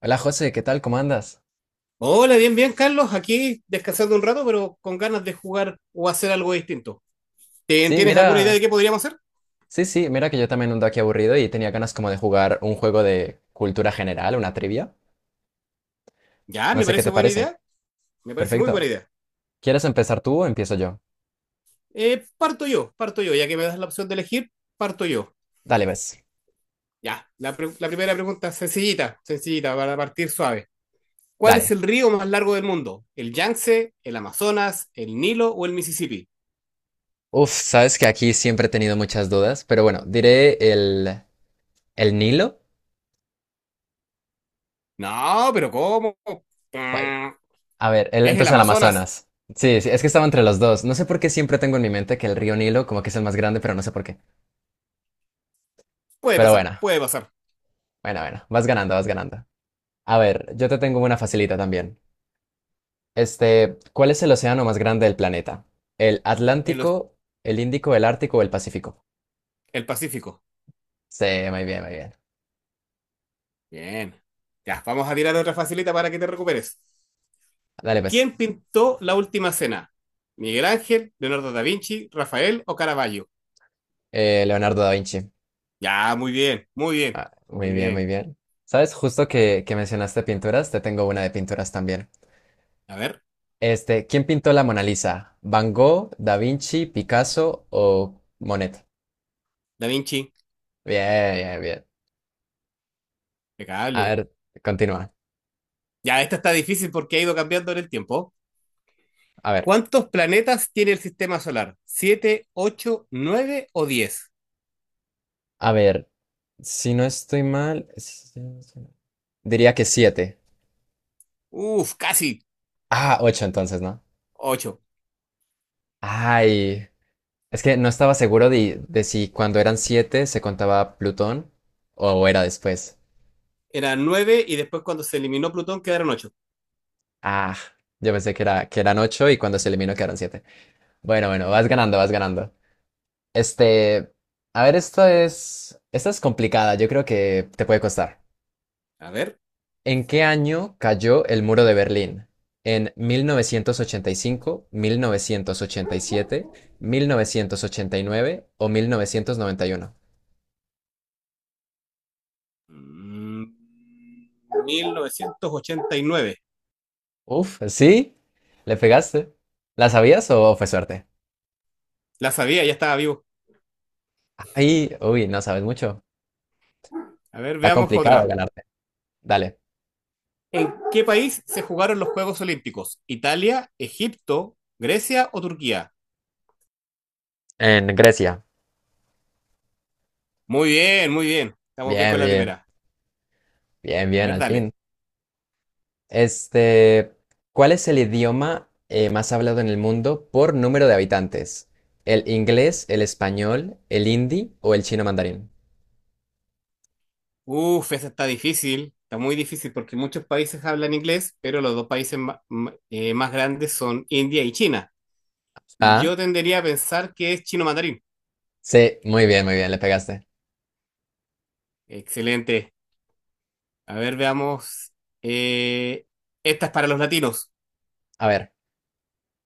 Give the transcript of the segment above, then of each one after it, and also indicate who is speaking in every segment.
Speaker 1: Hola José, ¿qué tal? ¿Cómo andas?
Speaker 2: Hola, bien, bien, Carlos. Aquí descansando un rato, pero con ganas de jugar o hacer algo distinto.
Speaker 1: Sí,
Speaker 2: ¿Tienes alguna idea de
Speaker 1: mira,
Speaker 2: qué podríamos hacer?
Speaker 1: sí, sí, mira que yo también ando aquí aburrido y tenía ganas como de jugar un juego de cultura general, una trivia.
Speaker 2: Ya,
Speaker 1: No
Speaker 2: me
Speaker 1: sé qué
Speaker 2: parece
Speaker 1: te
Speaker 2: buena
Speaker 1: parece.
Speaker 2: idea. Me parece muy
Speaker 1: Perfecto.
Speaker 2: buena idea.
Speaker 1: ¿Quieres empezar tú o empiezo yo?
Speaker 2: Parto yo, parto yo. Ya que me das la opción de elegir, parto yo.
Speaker 1: Dale, ves.
Speaker 2: La primera pregunta, sencillita, sencillita, para partir suave. ¿Cuál es
Speaker 1: Dale.
Speaker 2: el río más largo del mundo? ¿El Yangtze, el Amazonas, el Nilo o el Mississippi?
Speaker 1: Uf, sabes que aquí siempre he tenido muchas dudas, pero bueno, diré el Nilo.
Speaker 2: No, pero ¿cómo?
Speaker 1: Jue-
Speaker 2: Mm,
Speaker 1: A ver,
Speaker 2: ¿Es el
Speaker 1: entonces el
Speaker 2: Amazonas?
Speaker 1: Amazonas. Sí, sí, es que estaba entre los dos. No sé por qué siempre tengo en mi mente que el río Nilo como que es el más grande, pero no sé por qué.
Speaker 2: Puede
Speaker 1: Pero
Speaker 2: pasar,
Speaker 1: bueno,
Speaker 2: puede pasar.
Speaker 1: bueno, bueno, vas ganando, vas ganando. A ver, yo te tengo una facilita también. Este, ¿cuál es el océano más grande del planeta? ¿El
Speaker 2: El,
Speaker 1: Atlántico, el Índico, el Ártico o el Pacífico?
Speaker 2: el Pacífico.
Speaker 1: Sí, muy bien, muy bien.
Speaker 2: Bien. Ya, vamos a tirar otra facilita para que te recuperes.
Speaker 1: Dale, pues.
Speaker 2: ¿Quién pintó la última cena? ¿Miguel Ángel, Leonardo da Vinci, Rafael o Caravaggio?
Speaker 1: Leonardo da Vinci.
Speaker 2: Ya, muy bien, muy bien,
Speaker 1: Ah, muy
Speaker 2: muy
Speaker 1: bien, muy
Speaker 2: bien.
Speaker 1: bien. ¿Sabes? Justo que mencionaste pinturas, te tengo una de pinturas también.
Speaker 2: A ver,
Speaker 1: Este, ¿quién pintó la Mona Lisa? ¿Van Gogh, Da Vinci, Picasso o Monet?
Speaker 2: da Vinci,
Speaker 1: Bien, bien, bien. A
Speaker 2: impecable.
Speaker 1: ver, continúa.
Speaker 2: Ya, esta está difícil porque ha ido cambiando en el tiempo.
Speaker 1: A ver,
Speaker 2: ¿Cuántos planetas tiene el sistema solar? ¿Siete, ocho, nueve o diez?
Speaker 1: a ver, si no estoy mal, si no estoy mal, diría que siete.
Speaker 2: Uf, casi
Speaker 1: Ah, ocho entonces, ¿no?
Speaker 2: ocho.
Speaker 1: Ay, es que no estaba seguro de si cuando eran siete se contaba Plutón o era después.
Speaker 2: Eran nueve y después cuando se eliminó Plutón quedaron ocho.
Speaker 1: Ah, yo pensé que eran ocho y cuando se eliminó quedaron siete. Bueno, bueno, vas ganando, vas ganando. Este, a ver, esta es complicada, yo creo que te puede costar.
Speaker 2: A ver,
Speaker 1: ¿En qué año cayó el muro de Berlín? ¿En mil novecientos ochenta y cinco, siete, 1989 o 1991?
Speaker 2: Mm, 1989.
Speaker 1: Uf, sí, le pegaste. ¿La sabías o fue suerte?
Speaker 2: La sabía, ya estaba vivo.
Speaker 1: Ay, uy, no sabes mucho.
Speaker 2: A ver,
Speaker 1: Está
Speaker 2: veamos
Speaker 1: complicado
Speaker 2: otra.
Speaker 1: ganarte. Dale.
Speaker 2: ¿En qué país se jugaron los Juegos Olímpicos? ¿Italia, Egipto, Grecia o Turquía?
Speaker 1: En Grecia.
Speaker 2: Muy bien, muy bien. Estamos bien con
Speaker 1: Bien,
Speaker 2: la
Speaker 1: bien,
Speaker 2: primera.
Speaker 1: bien,
Speaker 2: A
Speaker 1: bien,
Speaker 2: ver,
Speaker 1: al fin.
Speaker 2: dale.
Speaker 1: Este, ¿cuál es el idioma más hablado en el mundo por número de habitantes? ¿El inglés, el español, el hindi o el chino mandarín?
Speaker 2: Uf, esa está difícil. Está muy difícil porque muchos países hablan inglés, pero los dos países más grandes son India y China.
Speaker 1: Ah,
Speaker 2: Yo tendería a pensar que es chino mandarín.
Speaker 1: sí, muy bien, le pegaste.
Speaker 2: Excelente. A ver, veamos. Eh, Esta es para los latinos.
Speaker 1: A ver,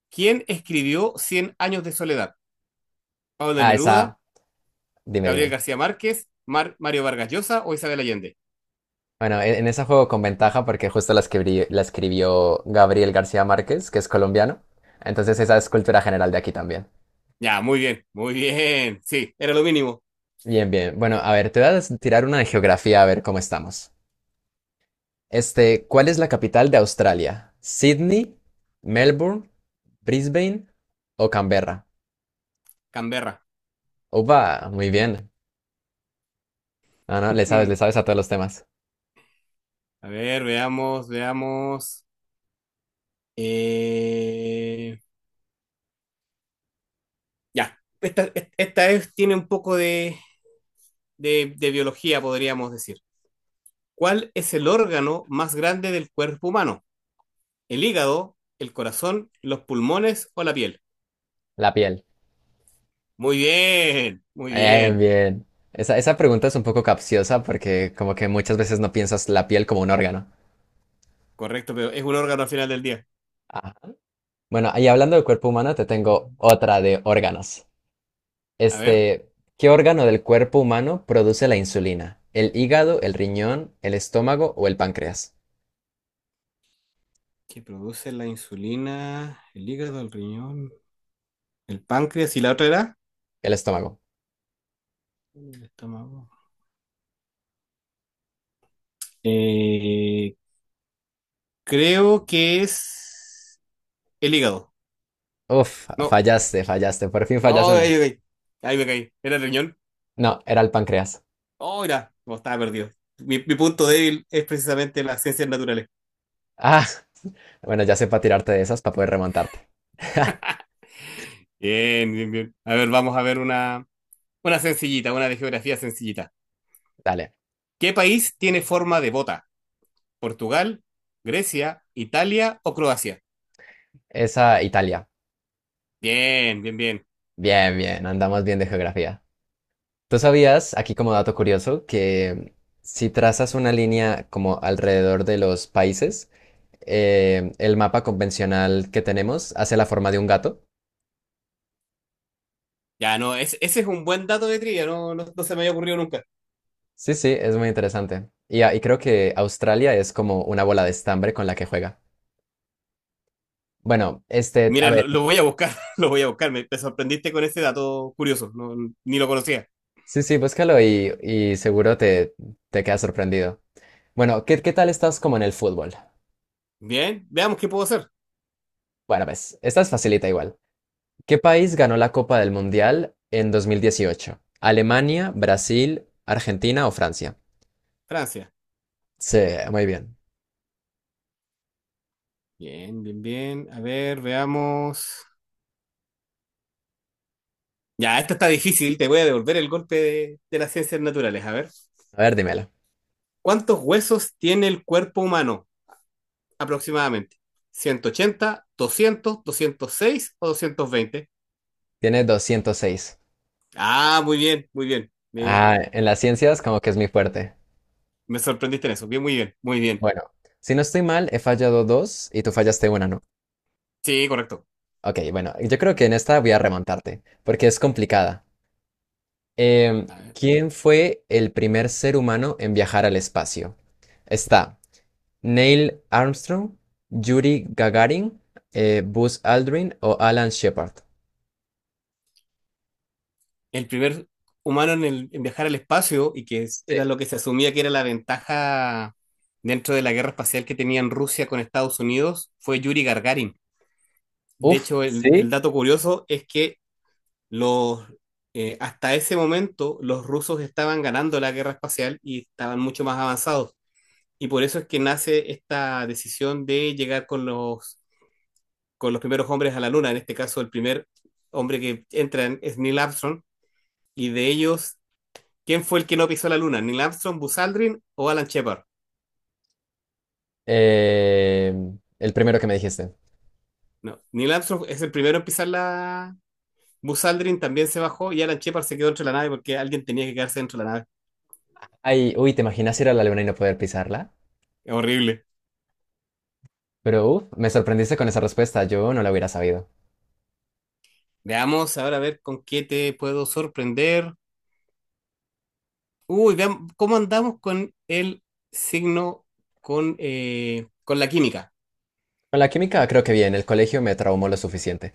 Speaker 2: ¿Quién escribió Cien años de soledad? ¿Pablo
Speaker 1: ah,
Speaker 2: Neruda,
Speaker 1: esa, dime,
Speaker 2: Gabriel
Speaker 1: dime.
Speaker 2: García Márquez, Mario Vargas Llosa o Isabel Allende?
Speaker 1: Bueno, en ese juego con ventaja porque justo la escribió Gabriel García Márquez, que es colombiano. Entonces esa es cultura general de aquí también.
Speaker 2: Ya, muy bien, muy bien. Sí, era lo mínimo.
Speaker 1: Bien, bien. Bueno, a ver, te voy a tirar una de geografía a ver cómo estamos. Este, ¿cuál es la capital de Australia? ¿Sydney, Melbourne, Brisbane o Canberra?
Speaker 2: Canberra.
Speaker 1: Opa, muy bien. No, no, le
Speaker 2: Mm.
Speaker 1: sabes a todos los temas.
Speaker 2: A ver, veamos, veamos. Eh, ya, esta, esta tiene un poco de, de biología, podríamos decir. ¿Cuál es el órgano más grande del cuerpo humano? El hígado, el corazón, los pulmones o la piel.
Speaker 1: La piel.
Speaker 2: Muy bien, muy
Speaker 1: Bien,
Speaker 2: bien.
Speaker 1: bien. Esa pregunta es un poco capciosa porque como que muchas veces no piensas la piel como un órgano.
Speaker 2: Correcto, pero es un órgano al final del día.
Speaker 1: Ah, bueno, ahí hablando del cuerpo humano, te tengo otra de órganos.
Speaker 2: A ver,
Speaker 1: Este, ¿qué órgano del cuerpo humano produce la insulina? ¿El hígado, el riñón, el estómago o el páncreas?
Speaker 2: ¿qué produce la insulina? El hígado, el riñón, el páncreas y la otra era.
Speaker 1: El estómago.
Speaker 2: El estómago. Eh, Creo que es el hígado.
Speaker 1: Uf,
Speaker 2: No.
Speaker 1: fallaste, fallaste. Por fin fallas
Speaker 2: Oh,
Speaker 1: una.
Speaker 2: ahí me caí. Ahí me caí. Era el riñón.
Speaker 1: No, era el páncreas.
Speaker 2: Oh, mira, no, estaba perdido. Mi punto débil es precisamente las ciencias naturales.
Speaker 1: Ah, bueno, ya sé para tirarte de esas para poder remontarte.
Speaker 2: Bien, bien, bien. A ver, vamos a ver una. Una sencillita, una de geografía sencillita.
Speaker 1: Dale.
Speaker 2: ¿Qué país tiene forma de bota? ¿Portugal, Grecia, Italia o Croacia?
Speaker 1: Esa Italia.
Speaker 2: Bien, bien, bien.
Speaker 1: Bien, bien, andamos bien de geografía. ¿Tú sabías, aquí como dato curioso, que si trazas una línea como alrededor de los países, el mapa convencional que tenemos hace la forma de un gato?
Speaker 2: Ya, no, ese es un buen dato de trivia, no, no, no se me había ocurrido nunca.
Speaker 1: Sí, sí, es muy interesante. Y, y creo que Australia es como una bola de estambre con la que juega. Bueno, este, a
Speaker 2: Mira,
Speaker 1: ver,
Speaker 2: lo voy a buscar, lo voy a buscar. Te sorprendiste con ese dato curioso, no, ni lo conocía.
Speaker 1: sí, sí, búscalo y seguro te quedas sorprendido. Bueno, ¿qué tal estás como en el fútbol?
Speaker 2: Bien, veamos qué puedo hacer.
Speaker 1: Bueno, ves, esta es facilita igual. ¿Qué país ganó la Copa del Mundial en 2018? ¿Alemania, Brasil, Argentina o Francia?
Speaker 2: Francia.
Speaker 1: Sí, muy bien.
Speaker 2: Bien, bien, bien. A ver, veamos. Ya, esta está difícil, te voy a devolver el golpe de las ciencias naturales. A ver,
Speaker 1: A ver, dímelo.
Speaker 2: ¿cuántos huesos tiene el cuerpo humano aproximadamente? ¿180, 200, 206 o 220?
Speaker 1: Tiene 206.
Speaker 2: Ah, muy bien, muy bien.
Speaker 1: Ah, en las ciencias como que es mi fuerte.
Speaker 2: Me sorprendiste en eso. Bien, muy bien, muy bien.
Speaker 1: Bueno, si no estoy mal, he fallado dos y tú fallaste una, ¿no?
Speaker 2: Sí, correcto.
Speaker 1: Ok, bueno, yo creo que en esta voy a remontarte, porque es complicada. Em,
Speaker 2: A ver.
Speaker 1: ¿Quién fue el primer ser humano en viajar al espacio? Está Neil Armstrong, Yuri Gagarin, Buzz Aldrin o Alan Shepard.
Speaker 2: El primer humano en, en viajar al espacio y que
Speaker 1: Sí.
Speaker 2: era lo que se asumía que era la ventaja dentro de la guerra espacial que tenían Rusia con Estados Unidos fue Yuri Gagarin. De
Speaker 1: Uf,
Speaker 2: hecho,
Speaker 1: sí.
Speaker 2: el dato curioso es que los, hasta ese momento los rusos estaban ganando la guerra espacial y estaban mucho más avanzados. Y por eso es que nace esta decisión de llegar con los primeros hombres a la Luna. En este caso, el primer hombre que es Neil Armstrong. Y de ellos, ¿quién fue el que no pisó la Luna? ¿Neil Armstrong, Buzz Aldrin o Alan Shepard?
Speaker 1: El primero que me dijiste.
Speaker 2: No, Neil Armstrong es el primero en pisar la... Buzz Aldrin también se bajó y Alan Shepard se quedó dentro de la nave porque alguien tenía que quedarse dentro de la nave.
Speaker 1: Ay, uy, ¿te imaginas ir a la luna y no poder pisarla?
Speaker 2: Es horrible.
Speaker 1: Pero uf, me sorprendiste con esa respuesta, yo no la hubiera sabido.
Speaker 2: Veamos ahora a ver con qué te puedo sorprender. Uy, veamos cómo andamos con el signo, con la química.
Speaker 1: Con la química creo que bien, el colegio me traumó lo suficiente.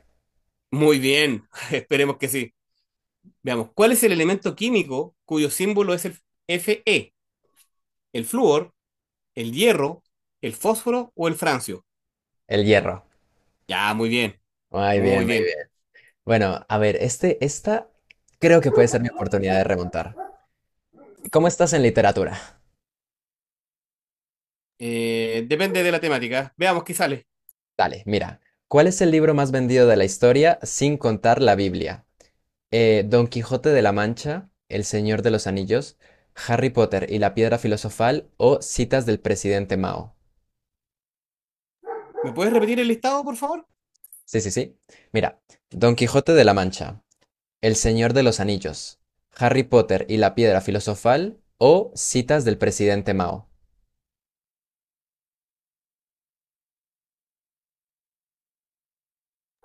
Speaker 2: Muy bien, esperemos que sí. Veamos, ¿cuál es el elemento químico cuyo símbolo es el Fe? ¿El flúor, el hierro, el fósforo o el francio?
Speaker 1: El hierro.
Speaker 2: Ya, muy bien,
Speaker 1: Muy
Speaker 2: muy
Speaker 1: bien, muy
Speaker 2: bien.
Speaker 1: bien. Bueno, a ver, este, esta creo que puede ser mi oportunidad de remontar. ¿Cómo estás en literatura?
Speaker 2: Depende de la temática. Veamos qué sale.
Speaker 1: Dale, mira. ¿Cuál es el libro más vendido de la historia sin contar la Biblia? Don Quijote de la Mancha, El Señor de los Anillos, Harry Potter y la Piedra Filosofal o Citas del Presidente Mao?
Speaker 2: ¿Me puedes repetir el listado, por favor?
Speaker 1: Sí, sí, sí. Mira, Don Quijote de la Mancha. El Señor de los Anillos, Harry Potter y la Piedra Filosofal o Citas del Presidente Mao.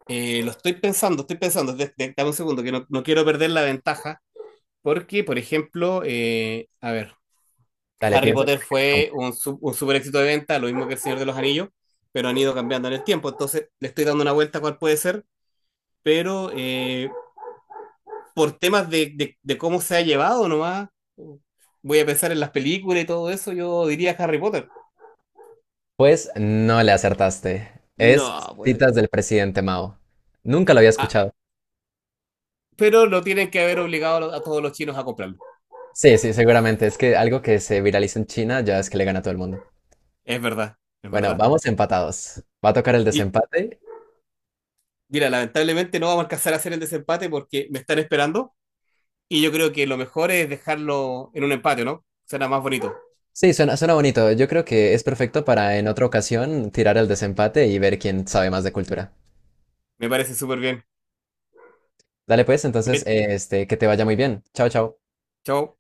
Speaker 2: Lo estoy pensando, estoy pensando. Dame un segundo, que no, no quiero perder la ventaja. Porque, por ejemplo,
Speaker 1: Dale,
Speaker 2: Harry
Speaker 1: piensa
Speaker 2: Potter
Speaker 1: porque es
Speaker 2: fue
Speaker 1: complejo.
Speaker 2: un super éxito de venta, lo mismo que El Señor de los Anillos, pero han ido cambiando en el tiempo. Entonces, le estoy dando una vuelta a cuál puede ser, pero por temas de, de cómo se ha llevado nomás, voy a pensar en las películas y todo eso, yo diría Harry Potter.
Speaker 1: Pues no le acertaste. Es
Speaker 2: No, pues.
Speaker 1: Citas del Presidente Mao. Nunca lo había
Speaker 2: ah,
Speaker 1: escuchado.
Speaker 2: pero lo tienen que haber obligado a a todos los chinos a comprarlo.
Speaker 1: Sí, sí, seguramente. Es que algo que se viraliza en China ya es que le gana a todo el mundo.
Speaker 2: Es verdad, es
Speaker 1: Bueno,
Speaker 2: verdad.
Speaker 1: vamos empatados. ¿Va a tocar el
Speaker 2: Y
Speaker 1: desempate?
Speaker 2: mira, lamentablemente no vamos a alcanzar a hacer el desempate porque me están esperando y yo creo que lo mejor es dejarlo en un empate, ¿no? Será más bonito.
Speaker 1: Sí, suena, suena bonito. Yo creo que es perfecto para en otra ocasión tirar el desempate y ver quién sabe más de cultura.
Speaker 2: Me parece súper bien.
Speaker 1: Dale pues, entonces,
Speaker 2: Cuídate,
Speaker 1: este, que te vaya muy bien. Chao, chao.
Speaker 2: chao.